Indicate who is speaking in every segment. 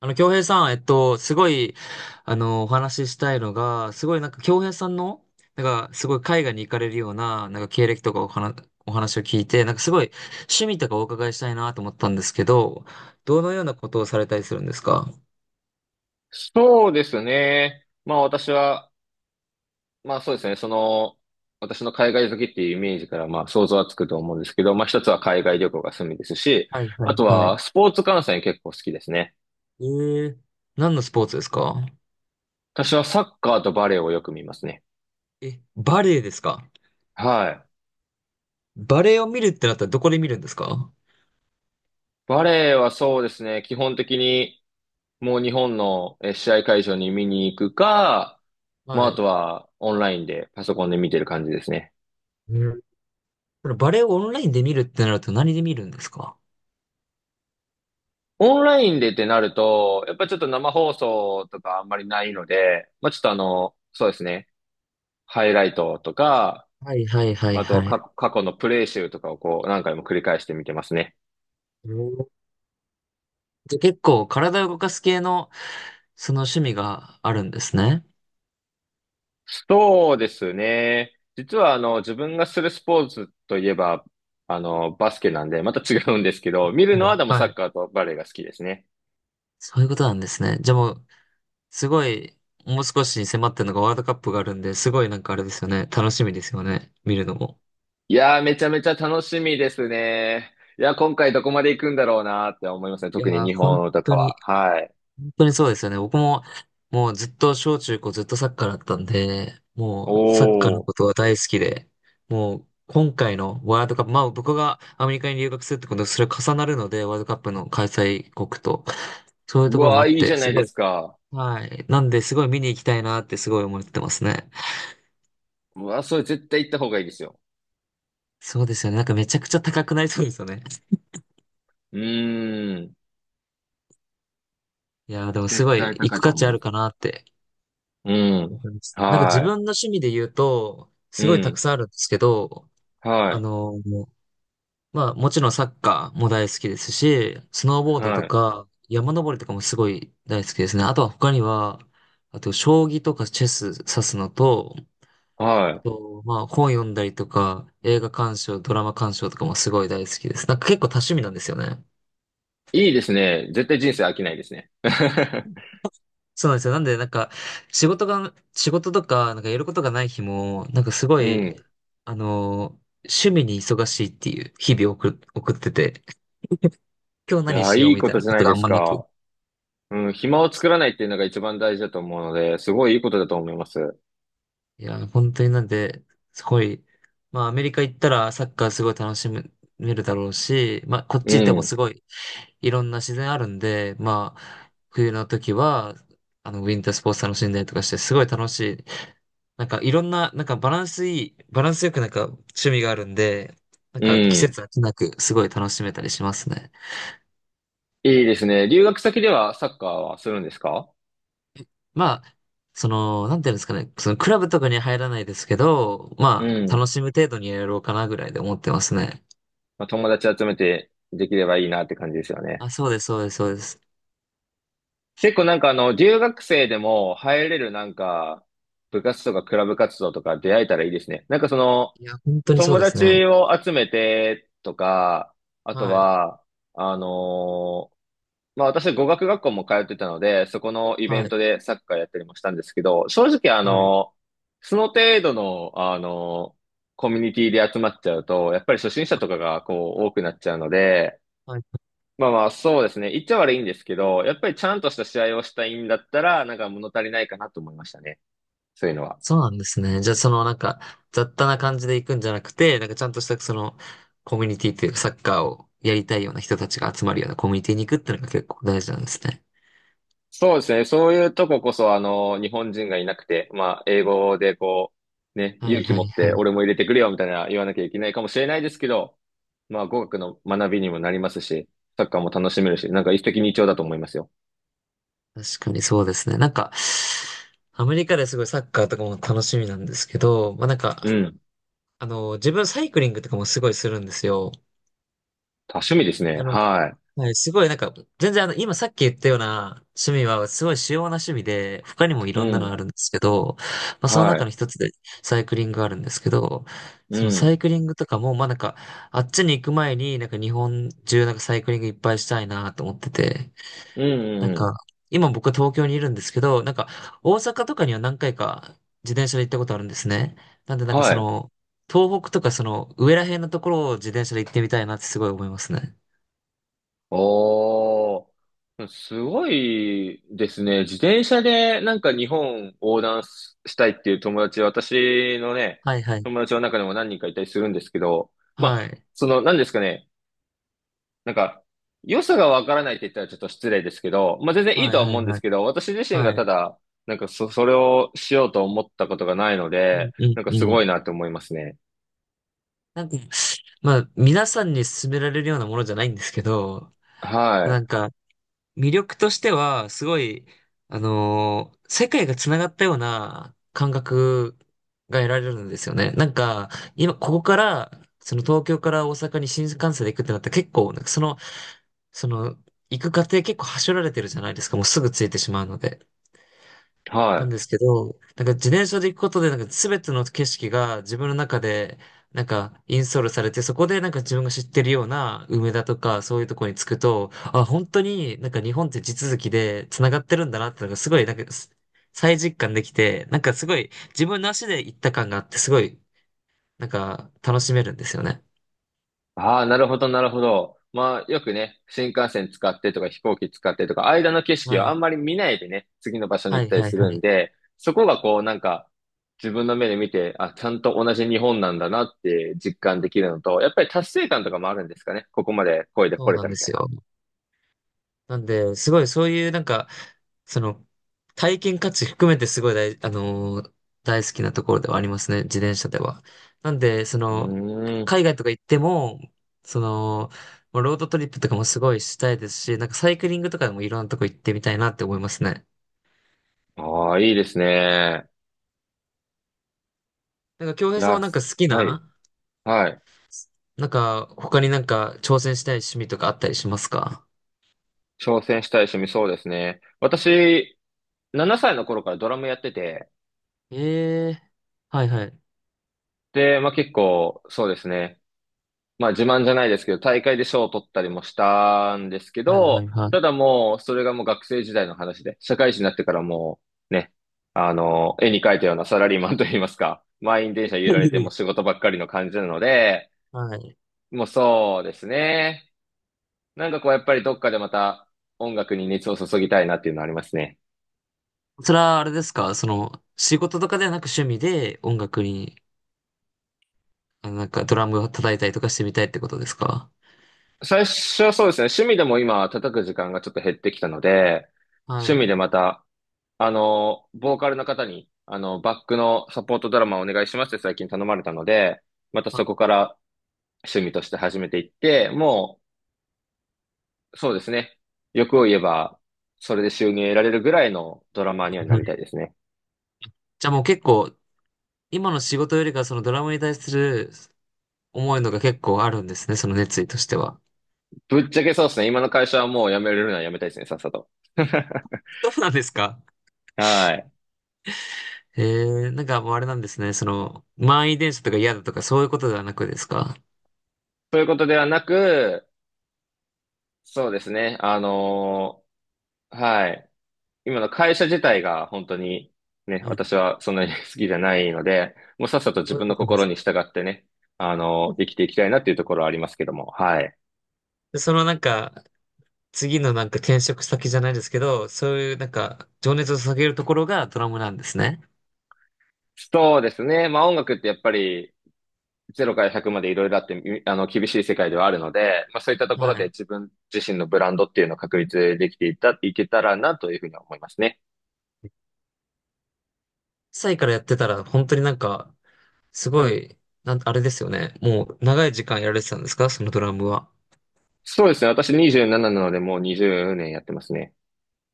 Speaker 1: 京平さん、すごい、お話ししたいのが、すごいなんか、京平さんの、なんか、すごい海外に行かれるような、なんか、経歴とかお話を聞いて、なんか、すごい、趣味とかお伺いしたいなと思ったんですけど、どのようなことをされたりするんですか？
Speaker 2: そうですね。私は、まあそうですね、その、私の海外好きっていうイメージから、まあ想像はつくと思うんですけど、まあ一つは海外旅行が趣味ですし、
Speaker 1: はいは
Speaker 2: あ
Speaker 1: い
Speaker 2: と
Speaker 1: は
Speaker 2: は
Speaker 1: い。
Speaker 2: スポーツ観戦結構好きですね。
Speaker 1: えー、何のスポーツですか？
Speaker 2: 私はサッカーとバレーをよく見ますね。
Speaker 1: え、バレエですか？
Speaker 2: はい。
Speaker 1: バレエを見るってなったらどこで見るんですか？
Speaker 2: バレーはそうですね、基本的にもう日本の試合会場に見に行くか、まあ
Speaker 1: は
Speaker 2: あと
Speaker 1: い。
Speaker 2: はオンラインでパソコンで見てる感じですね。
Speaker 1: うん。このバレエをオンラインで見るってなると何で見るんですか？
Speaker 2: オンラインでってなると、やっぱちょっと生放送とかあんまりないので、まあちょっとあの、そうですね、ハイライトとか、
Speaker 1: はいはいはい
Speaker 2: まあとは
Speaker 1: は
Speaker 2: 過
Speaker 1: い。
Speaker 2: 過去のプレイ集とかをこう何回も繰り返して見てますね。
Speaker 1: じゃあ結構体を動かす系の、その趣味があるんですね。
Speaker 2: そうですね。実は自分がするスポーツといえば、バスケなんで、また違うんですけど、見る
Speaker 1: は
Speaker 2: の
Speaker 1: い。
Speaker 2: はでもサ
Speaker 1: は
Speaker 2: ッ
Speaker 1: い。
Speaker 2: カーとバレーが好きですね。
Speaker 1: そういうことなんですね。じゃあもう、すごい、もう少しに迫ってるのがワールドカップがあるんで、すごいなんかあれですよね。楽しみですよね。見るのも。
Speaker 2: いやー、めちゃめちゃ楽しみですね。いや、今回どこまで行くんだろうなーって思いますね。
Speaker 1: い
Speaker 2: 特に
Speaker 1: やー、
Speaker 2: 日
Speaker 1: 本
Speaker 2: 本とか
Speaker 1: 当に、
Speaker 2: は。はい。
Speaker 1: 本当にそうですよね。僕も、もうずっと小中高ずっとサッカーだったんで、もうサッカーの
Speaker 2: おー。
Speaker 1: ことは大好きで、もう今回のワールドカップ、まあ僕がアメリカに留学するってことで、それ重なるので、ワールドカップの開催国と。そういう
Speaker 2: う
Speaker 1: ところもあ
Speaker 2: わー、
Speaker 1: っ
Speaker 2: いいじ
Speaker 1: て、
Speaker 2: ゃな
Speaker 1: す
Speaker 2: い
Speaker 1: ご
Speaker 2: で
Speaker 1: い。
Speaker 2: すか。
Speaker 1: はい。なんで、すごい見に行きたいなってすごい思ってますね。
Speaker 2: うわー、それ絶対行った方がいいですよ。
Speaker 1: そうですよね。なんかめちゃくちゃ高くなりそうですよね。
Speaker 2: うーん。
Speaker 1: いやー、でもす
Speaker 2: 絶
Speaker 1: ごい
Speaker 2: 対
Speaker 1: 行
Speaker 2: 高
Speaker 1: く
Speaker 2: いと
Speaker 1: 価
Speaker 2: 思
Speaker 1: 値
Speaker 2: い
Speaker 1: あ
Speaker 2: ま
Speaker 1: る
Speaker 2: す。
Speaker 1: かなって
Speaker 2: うん。
Speaker 1: 思います。なんか自分の
Speaker 2: は
Speaker 1: 趣味で言うと、
Speaker 2: い。う
Speaker 1: すごいたく
Speaker 2: ん。
Speaker 1: さんあるんですけど、
Speaker 2: は
Speaker 1: あ
Speaker 2: い。
Speaker 1: のーまあもちろんサッカーも大好きですし、スノーボードと
Speaker 2: はい。
Speaker 1: か山登りとかもすごい大好きですね。あとは他には、あと将棋とかチェス指すのと、あ
Speaker 2: は
Speaker 1: と、まあ、本読んだりとか、映画鑑賞、ドラマ鑑賞とかもすごい大好きです。なんか結構多趣味なんですよね。
Speaker 2: い。いいですね。絶対人生飽きないですね。
Speaker 1: そうなんですよ。なんで、なんか、仕事とか、なんかやることがない日も、なんかすご
Speaker 2: う
Speaker 1: い、
Speaker 2: ん。
Speaker 1: 趣味に忙しいっていう日々を送ってて、今日
Speaker 2: い
Speaker 1: 何
Speaker 2: やー、
Speaker 1: しよ
Speaker 2: い
Speaker 1: う
Speaker 2: い
Speaker 1: み
Speaker 2: こ
Speaker 1: たい
Speaker 2: と
Speaker 1: な
Speaker 2: じゃ
Speaker 1: こ
Speaker 2: な
Speaker 1: と
Speaker 2: い
Speaker 1: が
Speaker 2: で
Speaker 1: あん
Speaker 2: す
Speaker 1: まなく。い
Speaker 2: か。うん。暇を作らないっていうのが一番大事だと思うので、すごいいいことだと思います。
Speaker 1: や、本当になんで、すごい、まあ、アメリカ行ったらサッカーすごい楽しめるだろうし、まあ、こっ
Speaker 2: う
Speaker 1: ち行っても
Speaker 2: ん。
Speaker 1: すごい、いろんな自然あるんで、まあ、冬の時は、ウィンタースポーツ楽しんだりとかして、すごい楽しい。なんか、いろんな、なんかバランスよくなんか趣味があるんで、なん
Speaker 2: う
Speaker 1: か季
Speaker 2: ん。
Speaker 1: 節飽きなく、すごい楽しめたりしますね。
Speaker 2: いいですね。留学先ではサッカーはするんですか？
Speaker 1: まあ、その、なんていうんですかね、そのクラブとかには入らないですけど、
Speaker 2: う
Speaker 1: まあ、楽
Speaker 2: ん。
Speaker 1: しむ程度にやろうかなぐらいで思ってますね。
Speaker 2: まあ、友達集めてできればいいなって感じですよね。
Speaker 1: あ、そうです、そうです、そうです。
Speaker 2: 結構留学生でも入れるなんか、部活とかクラブ活動とか出会えたらいいですね。なんかその、
Speaker 1: いや、本当にそう
Speaker 2: 友
Speaker 1: ですね。
Speaker 2: 達を集めてとか、あと
Speaker 1: はい、
Speaker 2: は、あのーまあ私語学学校も通ってたので、そこのイベ
Speaker 1: は
Speaker 2: ン
Speaker 1: い、
Speaker 2: トでサッカーやったりもしたんですけど、正直あ
Speaker 1: はい。
Speaker 2: の、その程度の、あの、コミュニティで集まっちゃうと、やっぱり初心者
Speaker 1: あ、
Speaker 2: とかがこう多くなっちゃうので、
Speaker 1: はい、
Speaker 2: まあまあ、そうですね。言っちゃ悪いんですけど、やっぱりちゃんとした試合をしたいんだったら、なんか物足りないかなと思いましたね。そういうのは。
Speaker 1: そうなんですね。じゃあ、そのなんか、雑多な感じで行くんじゃなくて、なんかちゃんとしたその、コミュニティっていうか、サッカーをやりたいような人たちが集まるようなコミュニティに行くっていうのが結構大事なんですね。
Speaker 2: そうですね。そういうとここそ、あの、日本人がいなくて、まあ、英語でこう、ね、
Speaker 1: は
Speaker 2: 勇
Speaker 1: い
Speaker 2: 気
Speaker 1: は
Speaker 2: 持
Speaker 1: い
Speaker 2: っ
Speaker 1: は
Speaker 2: て
Speaker 1: い。
Speaker 2: 俺も入れてくれよみたいな言わなきゃいけないかもしれないですけど、まあ、語学の学びにもなりますし、サッカーも楽しめるし、なんか一石二鳥だと思いますよ。
Speaker 1: 確かにそうですね。なんか、アメリカですごいサッカーとかも楽しみなんですけど、まあなんか、
Speaker 2: うん。
Speaker 1: 自分サイクリングとかもすごいするんですよ。
Speaker 2: 多趣味ですね。
Speaker 1: なので、
Speaker 2: は
Speaker 1: はい、すごいなんか、全然今さっき言ったような趣味はすごい主要な趣味で、他にもい
Speaker 2: い。う
Speaker 1: ろんなのあ
Speaker 2: ん。
Speaker 1: るんですけど、まあその
Speaker 2: は
Speaker 1: 中
Speaker 2: い。
Speaker 1: の一つでサイクリングがあるんですけど、
Speaker 2: う
Speaker 1: そのサ
Speaker 2: ん。
Speaker 1: イクリングとかも、まあなんか、あっちに行く前になんか日本中なんかサイクリングいっぱいしたいなと思ってて、
Speaker 2: うん、
Speaker 1: な
Speaker 2: う
Speaker 1: ん
Speaker 2: ん、うん。
Speaker 1: か、今僕は東京にいるんですけど、なんか大阪とかには何回か自転車で行ったことあるんですね。なんでなんか
Speaker 2: は
Speaker 1: そ
Speaker 2: い。
Speaker 1: の、東北とかその上ら辺のところを自転車で行ってみたいなってすごい思いますね。
Speaker 2: おー、すごいですね。自転車でなんか日本横断したいっていう友達、私のね、
Speaker 1: はいはい。
Speaker 2: 友達の中でも何人かいたりするんですけど、ま
Speaker 1: は
Speaker 2: あ、
Speaker 1: い。
Speaker 2: その、何ですかね、なんか、良さがわからないって言ったらちょっと失礼ですけど、まあ全然いい
Speaker 1: は
Speaker 2: と
Speaker 1: い、
Speaker 2: は
Speaker 1: は
Speaker 2: 思う
Speaker 1: い、
Speaker 2: んで
Speaker 1: は
Speaker 2: す
Speaker 1: い。
Speaker 2: けど、私自身
Speaker 1: は
Speaker 2: が
Speaker 1: い。
Speaker 2: ただ、それをしようと思ったことがないの
Speaker 1: う
Speaker 2: で、
Speaker 1: ん、うん、
Speaker 2: なんか
Speaker 1: う
Speaker 2: すごい
Speaker 1: ん。
Speaker 2: なって思いますね。
Speaker 1: なんか、まあ、皆さんに勧められるようなものじゃないんですけど、な
Speaker 2: は
Speaker 1: んか、魅力としては、すごい、世界が繋がったような感覚が得られるんですよね。なんか、今、ここから、その東京から大阪に新幹線で行くってなったら結構、なんかその、行く過程結構はしょられてるじゃないですか。もうすぐ着いてしまうので。
Speaker 2: い。は
Speaker 1: なん
Speaker 2: い。
Speaker 1: ですけど、なんか自転車で行くことで、なんか全ての景色が自分の中で、なんかインストールされて、そこでなんか自分が知ってるような梅田とかそういうとこに着くと、あ、本当になんか日本って地続きで繋がってるんだなってのがすごいなんか再実感できて、なんかすごい自分の足で行った感があって、すごいなんか楽しめるんですよね。
Speaker 2: ああ、なるほど、なるほど。まあ、よくね、新幹線使ってとか飛行機使ってとか、間の景
Speaker 1: は
Speaker 2: 色をあ
Speaker 1: い。
Speaker 2: んまり見ないでね、次の場所に
Speaker 1: は
Speaker 2: 行っ
Speaker 1: い
Speaker 2: たり
Speaker 1: はい
Speaker 2: す
Speaker 1: は
Speaker 2: るん
Speaker 1: い。
Speaker 2: で、そこがこう、なんか、自分の目で見て、あ、ちゃんと同じ日本なんだなって実感できるのと、やっぱり達成感とかもあるんですかね。ここまで声で
Speaker 1: そ
Speaker 2: 来
Speaker 1: う
Speaker 2: れ
Speaker 1: な
Speaker 2: た
Speaker 1: んで
Speaker 2: みたい
Speaker 1: す
Speaker 2: な。
Speaker 1: よ。なんで、すごいそういうなんか、その、体験価値含めてすごい大、あのー大好きなところではありますね、自転車では。なんで、そ
Speaker 2: う
Speaker 1: の、
Speaker 2: ーん。
Speaker 1: 海外とか行っても、その、もうロードトリップとかもすごいしたいですし、なんかサイクリングとかでもいろんなとこ行ってみたいなって思いますね。
Speaker 2: ああ、いいですね。
Speaker 1: なんか、京
Speaker 2: い
Speaker 1: 平さん
Speaker 2: や、
Speaker 1: はなんか好き
Speaker 2: はい、
Speaker 1: な、
Speaker 2: はい。
Speaker 1: なんか、他になんか挑戦したい趣味とかあったりしますか？
Speaker 2: 挑戦したい趣味、そうですね。私、7歳の頃からドラムやってて、
Speaker 1: ええー、はいはい。
Speaker 2: で、まあ結構、そうですね。まあ自慢じゃないですけど、大会で賞を取ったりもしたんですけ
Speaker 1: はいは
Speaker 2: ど、
Speaker 1: いはい。
Speaker 2: ただもう、それがもう学生時代の話で、社会人になってからもう、ね、あの、絵に描いたようなサラリーマンといいますか、満員電車揺られてもう 仕事ばっかりの感じなので、
Speaker 1: はい。
Speaker 2: もうそうですね。なんかこう、やっぱりどっかでまた音楽に熱を注ぎたいなっていうのはありますね。
Speaker 1: それはあれですかその、仕事とかではなく趣味で音楽に、あなんかドラムを叩いたりとかしてみたいってことですか？
Speaker 2: 最初はそうですね、趣味でも今叩く時間がちょっと減ってきたので、
Speaker 1: は
Speaker 2: 趣味で
Speaker 1: い。
Speaker 2: また、あの、ボーカルの方に、あの、バックのサポートドラマをお願いしますって最近頼まれたので、また
Speaker 1: は
Speaker 2: そ
Speaker 1: い
Speaker 2: こから趣味として始めていって、もう、そうですね。欲を言えば、それで収入得られるぐらいのドラマーにはな
Speaker 1: は
Speaker 2: りたい
Speaker 1: い。
Speaker 2: ですね。
Speaker 1: じゃあもう結構、今の仕事よりかはそのドラムに対する思いのが結構あるんですね、その熱意としては。
Speaker 2: ぶっちゃけそうですね。今の会社はもう辞めれるのは辞めたいですね、さっさと。
Speaker 1: そうなんですか？
Speaker 2: はい。
Speaker 1: えー、なんかもうあれなんですね、その、満員電車とか嫌だとかそういうことではなくですか？
Speaker 2: ということではなく、そうですね。はい。今の会社自体が本当にね、
Speaker 1: うん、
Speaker 2: 私はそんなに 好きじゃないので、もうさっさと
Speaker 1: そ
Speaker 2: 自
Speaker 1: ういう
Speaker 2: 分
Speaker 1: こ
Speaker 2: の
Speaker 1: となんで
Speaker 2: 心
Speaker 1: す。
Speaker 2: に従ってね、生きていきたいなっていうところはありますけども、はい。
Speaker 1: で、そのなんか、次のなんか転職先じゃないですけど、そういうなんか、情熱を下げるところがドラムなんですね。
Speaker 2: そうですね。まあ音楽ってやっぱり0から100までいろいろあって、みあの、厳しい世界ではあるので、まあそういったところ
Speaker 1: は
Speaker 2: で
Speaker 1: い。
Speaker 2: 自分自身のブランドっていうのを確立できていた、いけたらなというふうには思いますね。
Speaker 1: 1歳からやってたら、本当になんか、すごい、あれですよね。もう、長い時間やられてたんですかそのドラムは。
Speaker 2: そうですね。私27なのでもう20年やってますね。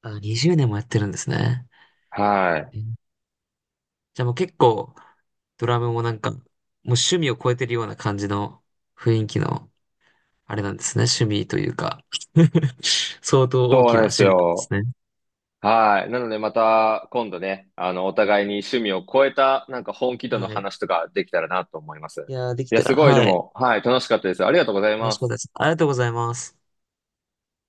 Speaker 1: あ、20年もやってるんですね。
Speaker 2: はい。
Speaker 1: えーじゃあもう結構、ドラムもなんか、もう趣味を超えてるような感じの雰囲気の、あれなんですね。趣味というか 相当大
Speaker 2: そう
Speaker 1: き
Speaker 2: な
Speaker 1: な
Speaker 2: んです
Speaker 1: 趣味なんで
Speaker 2: よ。
Speaker 1: すね。
Speaker 2: はい。なのでまた今度ね、あの、お互いに趣味を超えたなんか本気度の
Speaker 1: はい。
Speaker 2: 話とかできたらなと思います。
Speaker 1: いやー、でき
Speaker 2: いや、
Speaker 1: た
Speaker 2: す
Speaker 1: ら、
Speaker 2: ごいで
Speaker 1: はい。
Speaker 2: も、はい、楽しかったです。ありがとうござい
Speaker 1: 楽
Speaker 2: ま
Speaker 1: しかった
Speaker 2: す。
Speaker 1: です。ありがとうございます。